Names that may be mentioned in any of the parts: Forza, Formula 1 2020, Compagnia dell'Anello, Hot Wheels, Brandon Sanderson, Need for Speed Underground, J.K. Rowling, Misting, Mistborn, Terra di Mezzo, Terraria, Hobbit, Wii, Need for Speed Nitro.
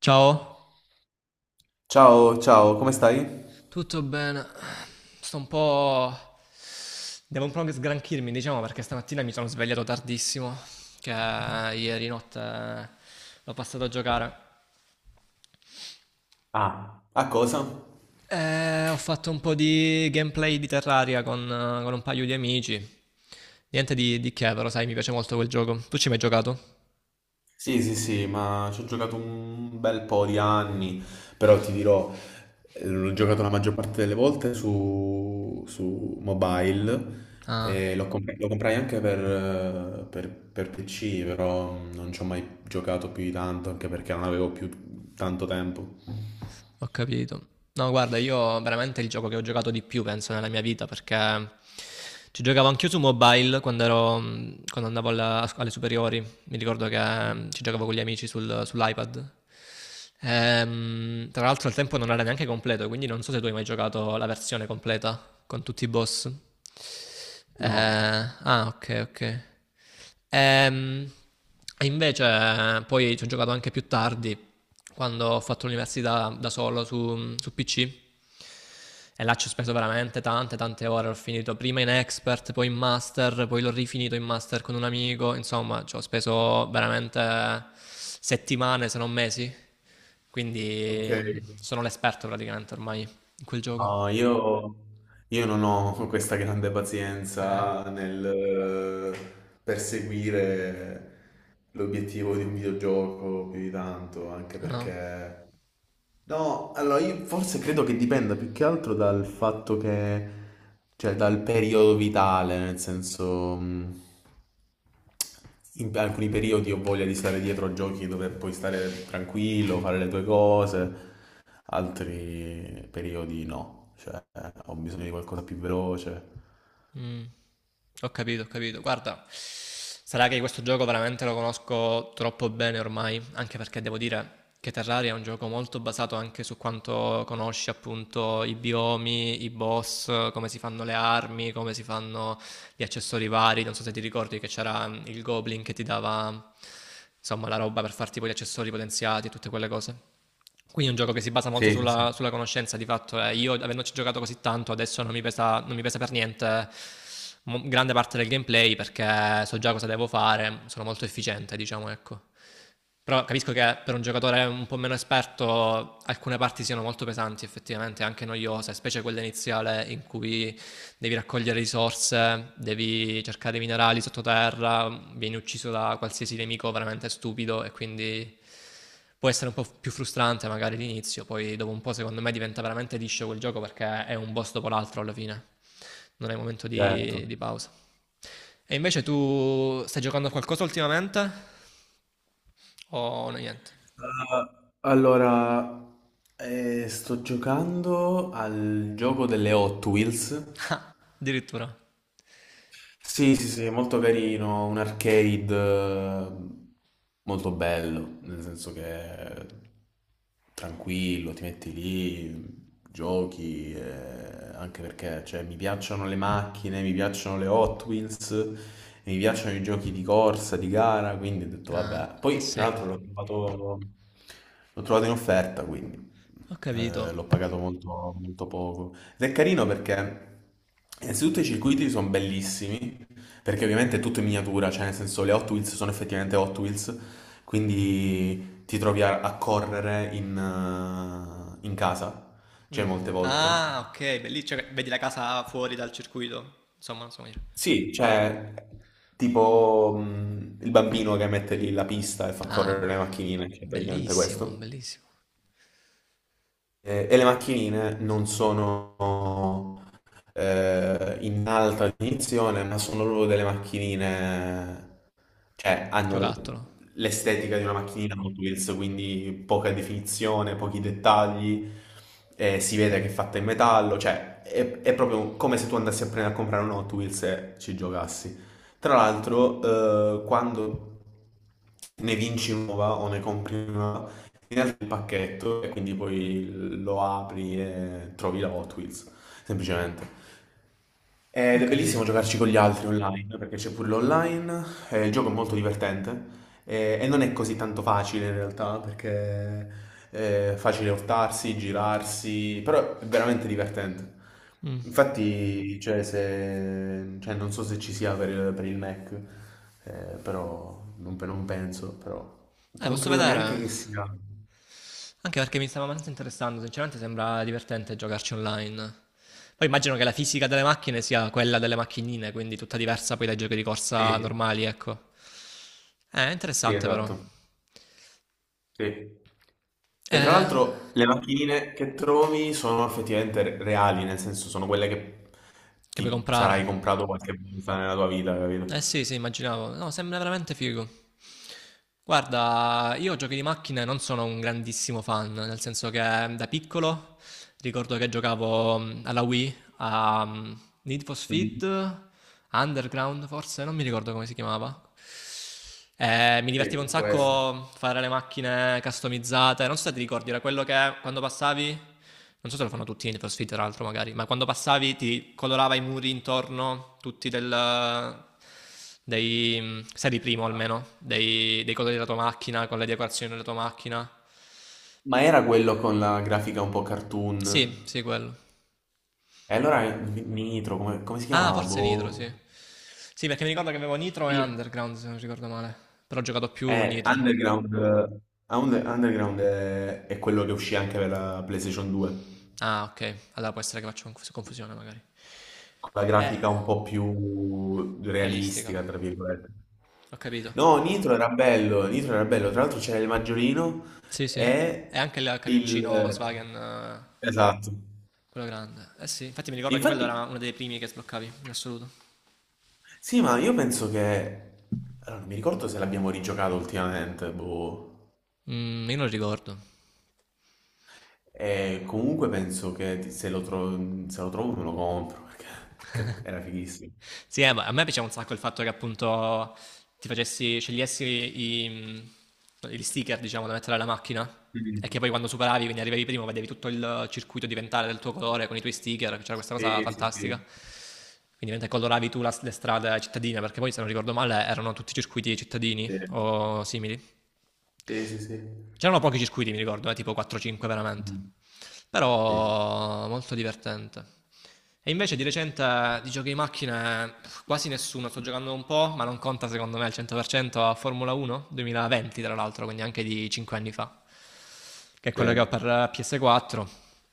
Ciao, Ciao, ciao, come stai? tutto bene? Sto un po'. Devo un po' sgranchirmi, diciamo, perché stamattina mi sono svegliato tardissimo, che ieri notte l'ho passato a giocare. Ah, a cosa? E ho fatto un po' di gameplay di Terraria con un paio di amici. Niente di che, però sai, mi piace molto quel gioco. Tu ci hai mai giocato? Sì, sì, sì, ma ci ho giocato un bel po' di anni, però ti dirò, l'ho giocato la maggior parte delle volte su mobile, Ah. e lo comprai anche per PC, però non ci ho mai giocato più di tanto, anche perché non avevo più tanto tempo. Ho capito. No, guarda, io veramente il gioco che ho giocato di più, penso, nella mia vita, perché ci giocavo anch'io su mobile quando ero, quando andavo alle superiori. Mi ricordo che ci giocavo con gli amici sull'iPad. Tra l'altro al tempo non era neanche completo, quindi non so se tu hai mai giocato la versione completa con tutti i boss. No. Ah, ok, ok. Ehm, e invece poi ci ho giocato anche più tardi, quando ho fatto l'università da solo su PC. E là ci ho speso veramente tante, tante ore. Ho finito prima in expert, poi in master, poi l'ho rifinito in master con un amico. Insomma, ci ho speso veramente settimane, se non mesi. Ok. Quindi sono l'esperto praticamente ormai in quel gioco. No, io, non ho questa grande Ah pazienza nel perseguire l'obiettivo di un videogioco più di tanto, anche no. perché. No, allora io forse credo che dipenda più che altro dal fatto che, cioè dal periodo vitale, nel senso, in alcuni periodi ho voglia di stare dietro a giochi dove puoi stare tranquillo, fare le tue cose, altri periodi no, cioè ho bisogno di qualcosa più veloce. Mm. Ho capito, ho capito. Guarda, sarà che questo gioco veramente lo conosco troppo bene ormai, anche perché devo dire che Terraria è un gioco molto basato anche su quanto conosci appunto i biomi, i boss, come si fanno le armi, come si fanno gli accessori vari. Non so se ti ricordi che c'era il Goblin che ti dava insomma la roba per farti poi gli accessori potenziati e tutte quelle cose. Quindi è un gioco che si basa molto Sì, sì, sì. sulla conoscenza, di fatto. Io, avendoci giocato così tanto, adesso non mi pesa, non mi pesa per niente grande parte del gameplay perché so già cosa devo fare, sono molto efficiente, diciamo, ecco. Però capisco che per un giocatore un po' meno esperto alcune parti siano molto pesanti, effettivamente, anche noiose, specie quella iniziale in cui devi raccogliere risorse, devi cercare minerali sottoterra, vieni ucciso da qualsiasi nemico veramente stupido e quindi può essere un po' più frustrante magari all'inizio, poi dopo un po' secondo me diventa veramente liscio quel gioco perché è un boss dopo l'altro alla fine, non è momento Certo. di pausa. E invece tu stai giocando a qualcosa ultimamente o no, niente? Allora, sto giocando al gioco delle Hot Wheels. Addirittura. Sì, sì, sì, è molto carino, un arcade, eh, molto bello, nel senso che è tranquillo, ti metti lì, giochi, anche perché cioè, mi piacciono le macchine, mi piacciono le Hot Wheels, e mi piacciono i giochi di corsa, di gara, quindi ho detto Ah, vabbè. eh Poi sì, tra ho l'altro l'ho trovato in offerta, quindi capito. l'ho pagato molto, molto poco. Ed è carino perché innanzitutto i circuiti sono bellissimi, perché ovviamente è tutto in miniatura, cioè nel senso le Hot Wheels sono effettivamente Hot Wheels, quindi ti trovi a correre in casa, Mm. cioè molte volte. Ah, ok, bellissimo. Cioè, vedi la casa fuori dal circuito? Insomma, insomma, Sì, cioè tipo il bambino che mette lì la pista e fa ah, correre le macchinine, cioè praticamente bellissimo, questo. bellissimo. E le macchinine non sono in alta definizione, ma sono proprio delle macchinine, cioè, hanno Giocattolo. l'estetica di una macchinina Hot Wheels, quindi poca definizione, pochi dettagli, si vede che è fatta in metallo, cioè è proprio come se tu andassi a prendere a comprare un Hot Wheels e ci giocassi. Tra l'altro, quando ne vinci una nuova o ne compri una nuova, ti arriva il pacchetto e quindi poi lo apri e trovi la Hot Wheels, semplicemente. Ho Ed è capito. bellissimo giocarci con gli altri online, perché c'è pure l'online, il gioco è molto divertente, e non è così tanto facile in realtà, perché è facile urtarsi, girarsi, però è veramente divertente. Mm. Infatti, cioè, non so se ci sia per il, Mac, però non, penso, però non Posso credo neanche vedere. che sia. Anche perché mi stava abbastanza interessando, sinceramente sembra divertente giocarci online. Poi immagino che la fisica delle macchine sia quella delle macchinine, quindi tutta diversa poi dai giochi di corsa Sì, normali, ecco. Sì, Interessante però. esatto. Sì. E tra Eh, l'altro le macchinine che trovi sono effettivamente reali, nel senso sono quelle che che puoi ti comprare? sarai comprato qualche volta nella tua vita, Eh capito? sì, sì, immaginavo. No, sembra veramente figo. Guarda, io giochi di macchine non sono un grandissimo fan, nel senso che da piccolo ricordo che giocavo alla Wii a Need for Mm. Speed, Underground forse, non mi ricordo come si chiamava. Mi divertivo un Sì, può essere. sacco fare le macchine customizzate. Non so se ti ricordi, era quello che quando passavi. Non so se lo fanno tutti in Need for Speed, tra l'altro, magari. Ma quando passavi ti colorava i muri intorno, tutti del. Dei, sei di primo almeno, dei, colori della tua macchina, con le decorazioni della tua macchina. Ma era quello con la grafica un po' Sì, cartoon? sì, quello. E allora Nitro, come si Ah, chiamava? forse Nitro, sì. Boh. Sì, perché mi ricordo che avevo Nitro e Sì. Underground, se non ricordo male. Però ho giocato più Nitro. Underground, Underground è quello che uscì anche per la PlayStation 2. Ah, ok. Allora può essere che faccio confusione, magari. La Eh, grafica un po' più realistica. realistica, tra virgolette. Ho capito. No, Nitro era bello, Nitro era bello. Tra l'altro c'era il Maggiolino Sì, sì. E e anche il il. camioncino Volkswagen, Esatto. quello grande. Eh sì, infatti mi ricordo che quello Infatti, era uno dei primi che sbloccavi, in assoluto. sì, ma io penso che. Allora, non mi ricordo se l'abbiamo rigiocato ultimamente, boh. Io non ricordo. E comunque penso che se lo trovo me lo compro, perché era fighissimo. Sì, ma a me piaceva un sacco il fatto che appunto ti facessi, scegliessi gli sticker, diciamo, da mettere alla macchina. E che Mm. poi quando superavi, quindi arrivavi primo, vedevi tutto il circuito diventare del tuo colore con i tuoi sticker, c'era questa cosa Sì, sì, fantastica. sì. Quindi mentre coloravi tu le strade cittadine, perché poi se non ricordo male erano tutti circuiti cittadini Sì, o simili. sì, sì. C'erano pochi circuiti, mi ricordo, tipo 4-5 veramente. Mm. Sì. Però molto divertente. E invece di recente di giochi di macchine quasi nessuno, sto giocando un po', ma non conta secondo me al 100% a Formula 1 2020 tra l'altro, quindi anche di 5 anni fa che è Sì, quello che ho per PS4.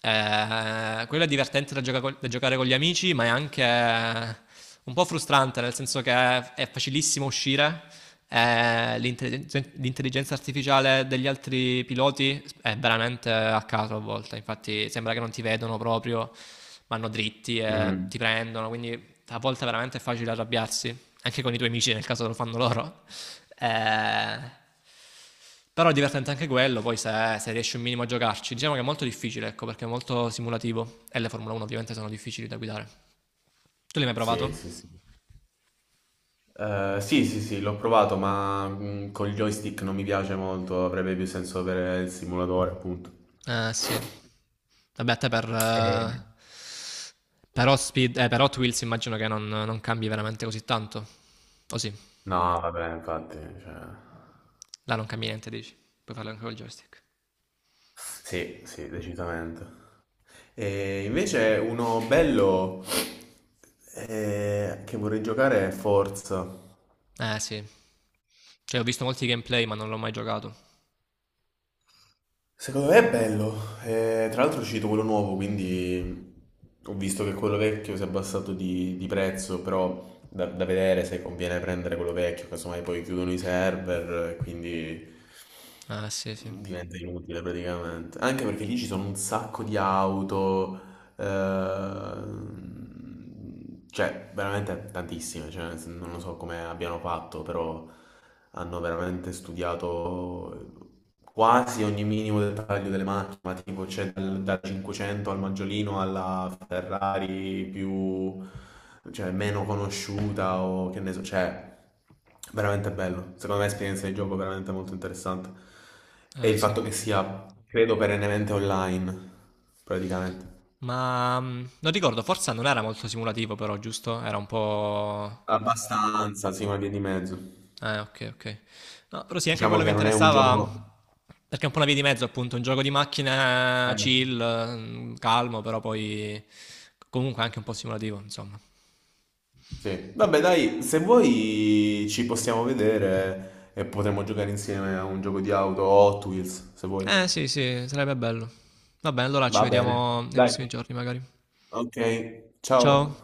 Quello è divertente da giocare con gli amici, ma è anche un po' frustrante, nel senso che è facilissimo uscire. L'intelligenza artificiale degli altri piloti è veramente a caso a volte, infatti sembra che non ti vedono proprio, vanno dritti e mhm. ti prendono, quindi a volte veramente è facile arrabbiarsi anche con i tuoi amici nel caso lo fanno loro. Eh, però è divertente anche quello, poi se riesci un minimo a giocarci. Diciamo che è molto difficile, ecco, perché è molto simulativo. E le Formula 1 ovviamente sono difficili da guidare. Tu l'hai mai Sì, provato? sì, sì. Sì, sì, sì, l'ho provato, ma con il joystick non mi piace molto, avrebbe più senso per il simulatore, appunto. Eh sì. Vabbè, a te per... Eh, eh, per, Hot Speed- eh, per Hot Wheels immagino che non cambi veramente così tanto. O sì, No, vabbè, infatti, cioè. là non cambi niente, dici. Puoi farlo anche col joystick. Sì, sì, decisamente. E invece uno bello, che vorrei giocare è Forza. Eh sì. Cioè, ho visto molti gameplay, ma non l'ho mai giocato. Secondo me è bello. Tra l'altro è uscito quello nuovo, quindi ho visto che quello vecchio si è abbassato di prezzo, però da vedere se conviene prendere quello vecchio, casomai poi chiudono i server, quindi Eh sì, sì. diventa inutile praticamente. Anche perché lì ci sono un sacco di auto, cioè, veramente tantissime, cioè, non lo so come abbiano fatto, però hanno veramente studiato quasi ogni minimo dettaglio delle macchine, ma tipo c'è dal 500 al Maggiolino alla Ferrari più, cioè, meno conosciuta o che ne so, cioè, veramente bello. Secondo me è esperienza di gioco veramente molto interessante. E Eh il sì. fatto che sia, credo, perennemente online, praticamente. Ma non ricordo, Forza non era molto simulativo però, giusto? Era un po'. Abbastanza, sì, una via di mezzo. Ok, ok. No, però sì, anche Diciamo quello mi che non è un gioco. interessava perché è un po' una via di mezzo, appunto, un gioco di macchine Eh, chill, calmo, però poi comunque anche un po' simulativo, insomma. sì. Vabbè, dai, se vuoi ci possiamo vedere e potremo giocare insieme a un gioco di auto o Hot Wheels, se vuoi. Eh sì, sì, sarebbe bello. Va bene, allora ci Va bene. vediamo nei Dai. prossimi giorni magari. Ok, ciao. Ciao.